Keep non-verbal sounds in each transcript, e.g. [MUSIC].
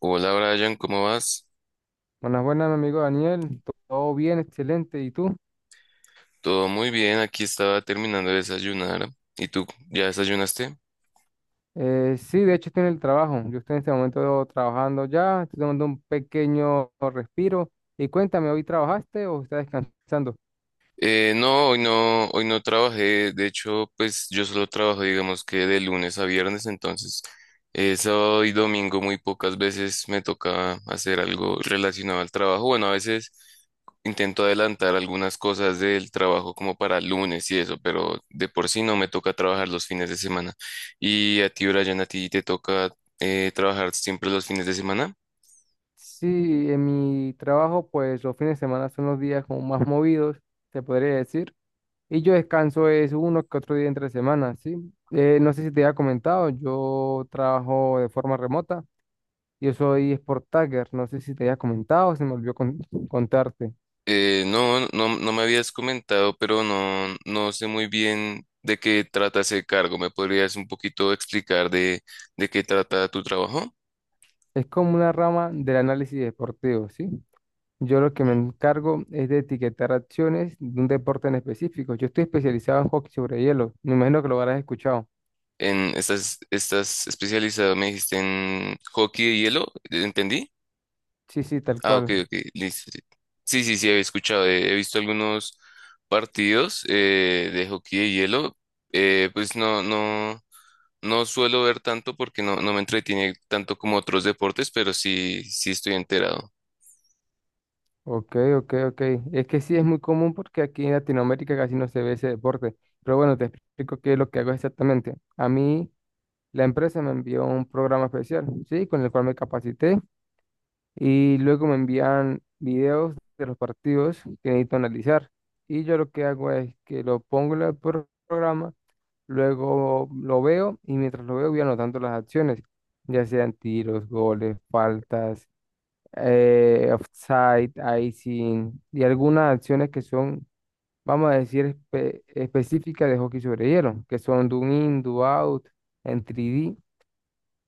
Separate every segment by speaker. Speaker 1: Hola Brian, ¿cómo vas?
Speaker 2: Buenas, buenas, mi amigo Daniel. Todo bien, excelente. ¿Y tú?
Speaker 1: Todo muy bien, aquí estaba terminando de desayunar. ¿Y tú ya desayunaste?
Speaker 2: Sí, de hecho estoy en el trabajo. Yo estoy en este momento trabajando ya. Estoy tomando un pequeño respiro. Y cuéntame, ¿hoy trabajaste o estás descansando?
Speaker 1: No, hoy no, hoy no trabajé. De hecho, pues yo solo trabajo, digamos que de lunes a viernes, entonces sábado y domingo muy pocas veces me toca hacer algo relacionado al trabajo. Bueno, a veces intento adelantar algunas cosas del trabajo como para lunes y eso, pero de por sí no me toca trabajar los fines de semana. ¿Y a ti, Brian, a ti te toca trabajar siempre los fines de semana?
Speaker 2: Sí, en mi trabajo, pues los fines de semana son los días como más movidos, se podría decir. Y yo descanso es uno que otro día entre semana, ¿sí? No sé si te había comentado, yo trabajo de forma remota. Yo soy Sport Tagger. No sé si te había comentado, se me olvidó contarte.
Speaker 1: No, no, no me habías comentado, pero no, no sé muy bien de qué trata ese cargo. ¿Me podrías un poquito explicar de qué trata tu trabajo?
Speaker 2: Es como una rama del análisis deportivo, ¿sí? Yo lo que me encargo es de etiquetar acciones de un deporte en específico. Yo estoy especializado en hockey sobre hielo. Me imagino que lo habrás escuchado.
Speaker 1: Estás especializado, me dijiste en hockey de hielo, ¿entendí?
Speaker 2: Sí, sí, tal
Speaker 1: Ah, ok,
Speaker 2: cual.
Speaker 1: ok, listo. Sí, sí, sí, sí, había escuchado, he visto algunos partidos de hockey de hielo. Pues no, no suelo ver tanto porque no, no me entretiene tanto como otros deportes, pero sí, sí estoy enterado.
Speaker 2: Ok, ok, ok. Es que sí es muy común porque aquí en Latinoamérica casi no se ve ese deporte. Pero bueno, te explico qué es lo que hago exactamente. A mí, la empresa me envió un programa especial, ¿sí? Con el cual me capacité y luego me envían videos de los partidos que necesito analizar. Y yo lo que hago es que lo pongo en el programa, luego lo veo y mientras lo veo voy anotando las acciones, ya sean tiros, goles, faltas, offside, icing y algunas acciones que son, vamos a decir, específicas de hockey sobre hielo, que son do in, do out, en 3D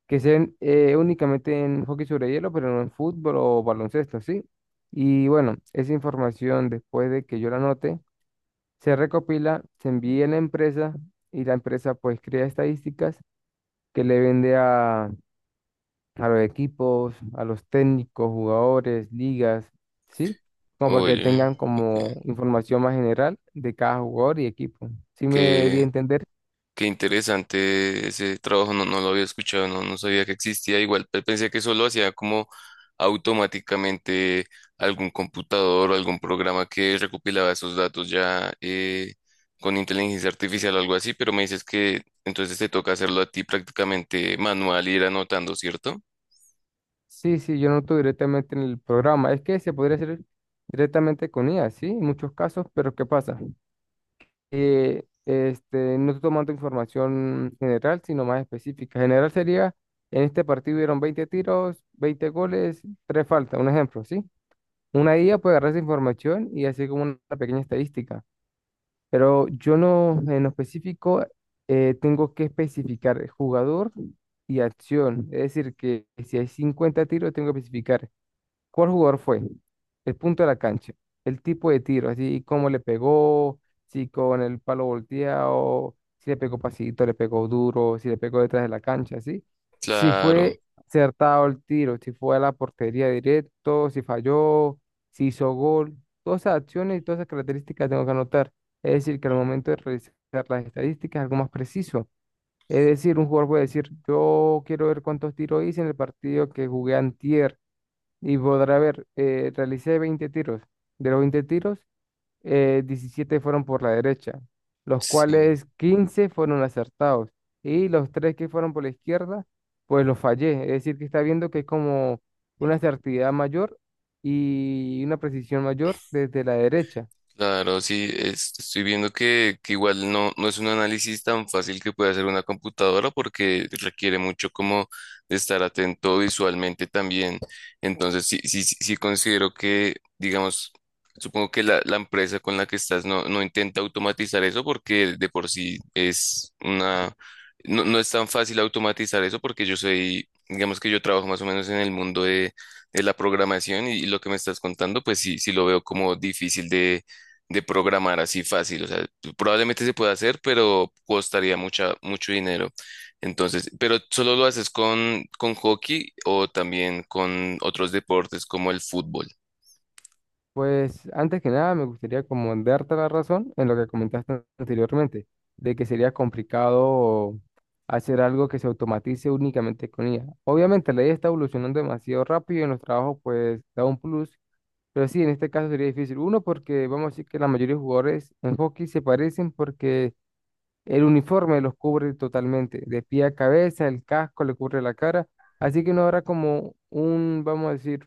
Speaker 2: que se ven únicamente en hockey sobre hielo, pero no en fútbol o baloncesto, ¿sí? Y bueno, esa información después de que yo la anote, se recopila, se envía a la empresa y la empresa pues crea estadísticas que le vende a los equipos, a los técnicos, jugadores, ligas, ¿sí? Como para que
Speaker 1: Oye,
Speaker 2: tengan como
Speaker 1: ok.
Speaker 2: información más general de cada jugador y equipo. ¿Sí me di a
Speaker 1: Qué,
Speaker 2: entender?
Speaker 1: qué interesante ese trabajo, no, no lo había escuchado, no, no sabía que existía. Igual pensé que solo hacía como automáticamente algún computador o algún programa que recopilaba esos datos ya con inteligencia artificial o algo así, pero me dices que entonces te toca hacerlo a ti prácticamente manual, ir anotando, ¿cierto?
Speaker 2: Sí, sí, yo noto directamente en el programa. Es que se podría hacer directamente con IA, sí, en muchos casos, pero ¿qué pasa? Este, no estoy tomando información general, sino más específica. General sería, en este partido hubieron 20 tiros, 20 goles, 3 faltas, un ejemplo, ¿sí? Una IA puede agarrar esa información y hacer como una pequeña estadística, pero yo no, en lo específico, tengo que especificar el jugador y acción. Es decir, que si hay 50 tiros, tengo que especificar. ¿Cuál jugador fue? El punto de la cancha, el tipo de tiro, así cómo le pegó, si con el palo volteado, si le pegó pasito, le pegó duro, si le pegó detrás de la cancha, así. Si
Speaker 1: Claro,
Speaker 2: fue acertado el tiro, si fue a la portería directo, si falló, si hizo gol. Todas esas acciones y todas esas características tengo que anotar. Es decir, que al momento de realizar las estadísticas es algo más preciso. Es decir, un jugador puede decir, yo quiero ver cuántos tiros hice en el partido que jugué antier y podrá ver, realicé 20 tiros. De los 20 tiros, 17 fueron por la derecha, los
Speaker 1: sí.
Speaker 2: cuales 15 fueron acertados. Y los 3 que fueron por la izquierda, pues los fallé. Es decir, que está viendo que es como una certidumbre mayor y una precisión mayor desde la derecha.
Speaker 1: Claro, sí, estoy viendo que igual no, no es un análisis tan fácil que puede hacer una computadora porque requiere mucho como de estar atento visualmente también. Entonces, sí, sí, sí considero que, digamos, supongo que la empresa con la que estás no, no intenta automatizar eso porque de por sí es una, no, no es tan fácil automatizar eso porque yo soy, digamos que yo trabajo más o menos en el mundo de la programación y lo que me estás contando, pues sí, sí lo veo como difícil de programar así fácil. O sea, probablemente se pueda hacer, pero costaría mucha, mucho dinero. Entonces, pero solo lo haces con hockey o también con otros deportes como el fútbol.
Speaker 2: Pues antes que nada me gustaría como darte la razón en lo que comentaste anteriormente, de que sería complicado hacer algo que se automatice únicamente con IA. Obviamente la IA está evolucionando demasiado rápido y en los trabajos pues da un plus, pero sí, en este caso sería difícil. Uno, porque vamos a decir que la mayoría de jugadores en hockey se parecen porque el uniforme los cubre totalmente, de pie a cabeza, el casco le cubre la cara, así que no habrá como un, vamos a decir,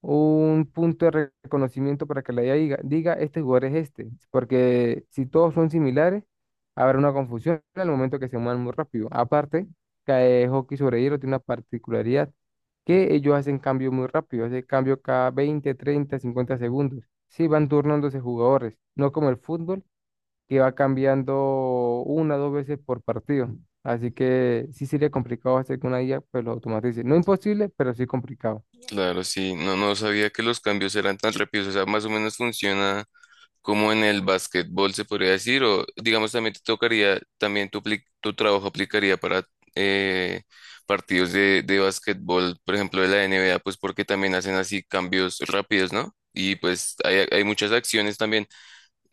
Speaker 2: un punto de reconocimiento para que la IA diga, este jugador es este, porque si todos son similares, habrá una confusión al momento que se muevan muy rápido. Aparte, cae hockey sobre hielo tiene una particularidad que ellos hacen cambios muy rápido, hacen cambio cada 20, 30, 50 segundos. Sí, van turnándose jugadores, no como el fútbol, que va cambiando una o dos veces por partido. Así que sí sería complicado hacer que una IA pues lo automatice. No imposible, pero sí complicado.
Speaker 1: Claro, sí, no, no sabía que los cambios eran tan rápidos. O sea, más o menos funciona como en el básquetbol se podría decir, o digamos también te tocaría, también tu trabajo aplicaría para eh, partidos de básquetbol, por ejemplo de la NBA, pues porque también hacen así cambios rápidos, ¿no? Y pues hay muchas acciones también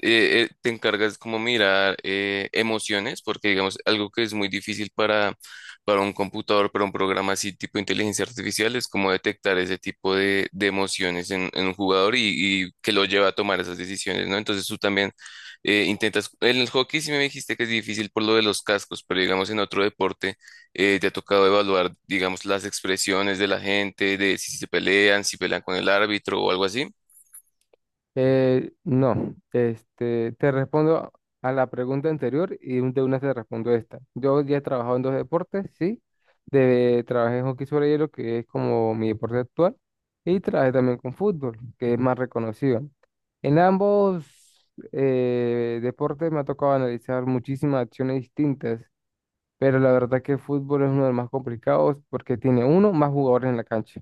Speaker 1: te encargas como mirar emociones, porque digamos, algo que es muy difícil para un computador, para un programa así tipo inteligencia artificial, es como detectar ese tipo de emociones en un jugador y que lo lleva a tomar esas decisiones, ¿no? Entonces tú también intentas, en el hockey sí me dijiste que es difícil por lo de los cascos, pero digamos en otro deporte te ha tocado evaluar, digamos, las expresiones de la gente, de si se pelean, si pelean con el árbitro o algo así.
Speaker 2: No, este, te respondo a la pregunta anterior y de una te respondo esta. Yo ya he trabajado en dos deportes, sí. Trabajé en hockey sobre hielo, que es como mi deporte actual, y trabajé también con fútbol, que es más reconocido. En ambos deportes me ha tocado analizar muchísimas acciones distintas, pero la verdad que el fútbol es uno de los más complicados porque tiene uno, más jugadores en la cancha,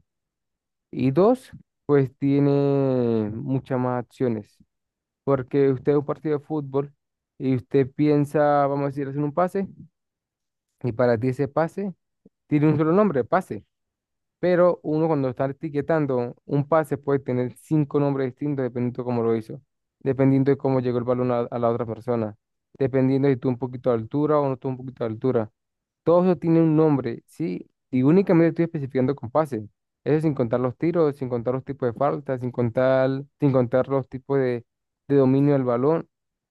Speaker 2: y dos, pues tiene muchas más acciones. Porque usted es un partido de fútbol y usted piensa, vamos a decir, hacer un pase, y para ti ese pase tiene un solo nombre, pase. Pero uno cuando está etiquetando un pase puede tener cinco nombres distintos dependiendo de cómo lo hizo, dependiendo de cómo llegó el balón a la otra persona, dependiendo de si tuvo un poquito de altura o no tuvo un poquito de altura. Todo eso tiene un nombre, ¿sí? Y únicamente estoy especificando con pases. Eso sin contar los tiros, sin contar los tipos de faltas, sin contar los tipos de dominio del balón.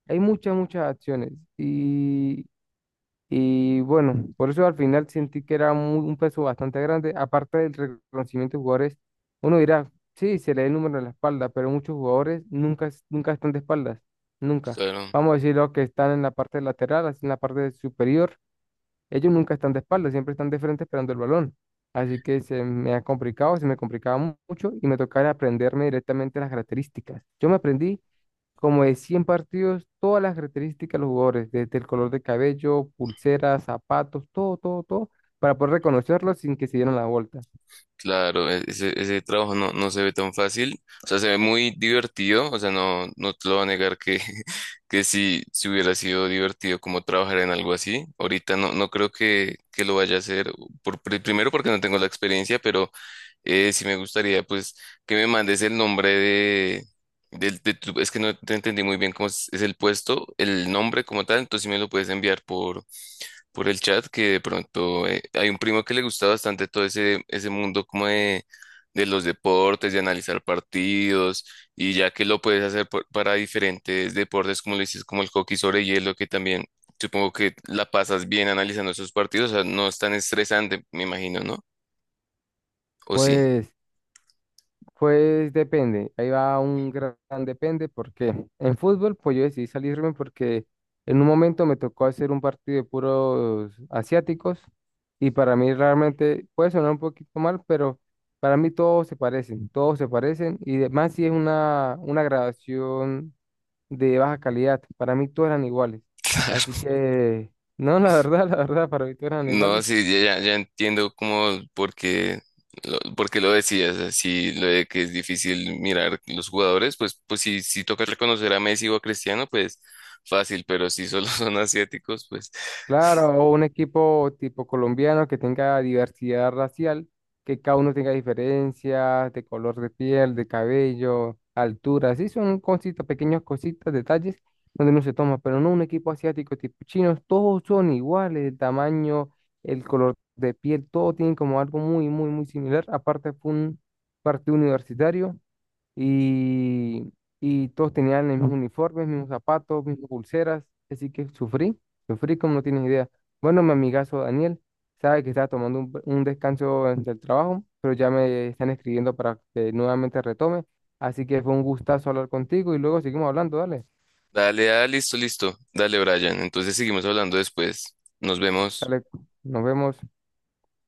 Speaker 2: Hay muchas, muchas acciones. Y bueno, por eso al final sentí que era muy- un peso bastante grande. Aparte del reconocimiento de jugadores, uno dirá, sí, se le da el número de la espalda, pero muchos jugadores nunca están de espaldas. Nunca.
Speaker 1: Claro.
Speaker 2: Vamos a decir los que están en la parte lateral, así en la parte superior ellos nunca están de espaldas, siempre están de frente esperando el balón. Así que se me ha complicado, se me complicaba mucho y me tocaba aprenderme directamente las características. Yo me aprendí como de 100 partidos, todas las características de los jugadores, desde el color de cabello, pulseras, zapatos, todo, todo, todo, para poder reconocerlos sin que se dieran la vuelta.
Speaker 1: Claro, ese, ese trabajo no, no se ve tan fácil, o sea, se ve muy divertido, o sea, no, no te lo voy a negar que, [LAUGHS] que si, si hubiera sido divertido como trabajar en algo así, ahorita no, no creo que lo vaya a hacer, por, primero porque no tengo la experiencia, pero sí me gustaría pues que me mandes el nombre de, del, es que no te entendí muy bien cómo es el puesto, el nombre como tal, entonces si me lo puedes enviar por el chat que de pronto hay un primo que le gusta bastante todo ese, ese mundo como de los deportes, de analizar partidos, y ya que lo puedes hacer para diferentes deportes, como le dices, como el hockey sobre hielo, que también supongo que la pasas bien analizando esos partidos, o sea, no es tan estresante, me imagino, ¿no? ¿O sí?
Speaker 2: Pues Pues depende, ahí va un gran depende, porque en fútbol pues yo decidí salirme porque en un momento me tocó hacer un partido de puros asiáticos y para mí realmente puede sonar un poquito mal, pero para mí todos se parecen y además si es una grabación de baja calidad, para mí todos eran iguales, así
Speaker 1: [LAUGHS]
Speaker 2: que no, la verdad, [LAUGHS] la verdad, para mí todos eran
Speaker 1: No,
Speaker 2: iguales.
Speaker 1: sí, ya, ya entiendo cómo, por qué lo decías, así lo de que es difícil mirar los jugadores, pues, pues si, si toca reconocer a Messi o a Cristiano, pues fácil, pero si solo [LAUGHS] son asiáticos, pues
Speaker 2: Claro, o un equipo tipo colombiano que tenga diversidad racial, que cada uno tenga diferencias de color de piel, de cabello, altura, sí, son cositas, pequeñas cositas, detalles donde no se toma, pero no un equipo asiático tipo chinos, todos son iguales, el tamaño, el color de piel, todo tienen como algo muy, muy, muy similar. Aparte fue un partido universitario y, y todos tenían los mismos uniformes, mismos zapatos, mismas pulseras, así que sufrí, sufrí como no tienes idea. Bueno, mi amigazo Daniel sabe que estaba tomando un descanso entre el trabajo, pero ya me están escribiendo para que nuevamente retome, así que fue un gustazo hablar contigo y luego seguimos hablando, dale,
Speaker 1: dale, ah, listo, listo, dale, Brian. Entonces seguimos hablando después. Nos vemos.
Speaker 2: dale, nos vemos.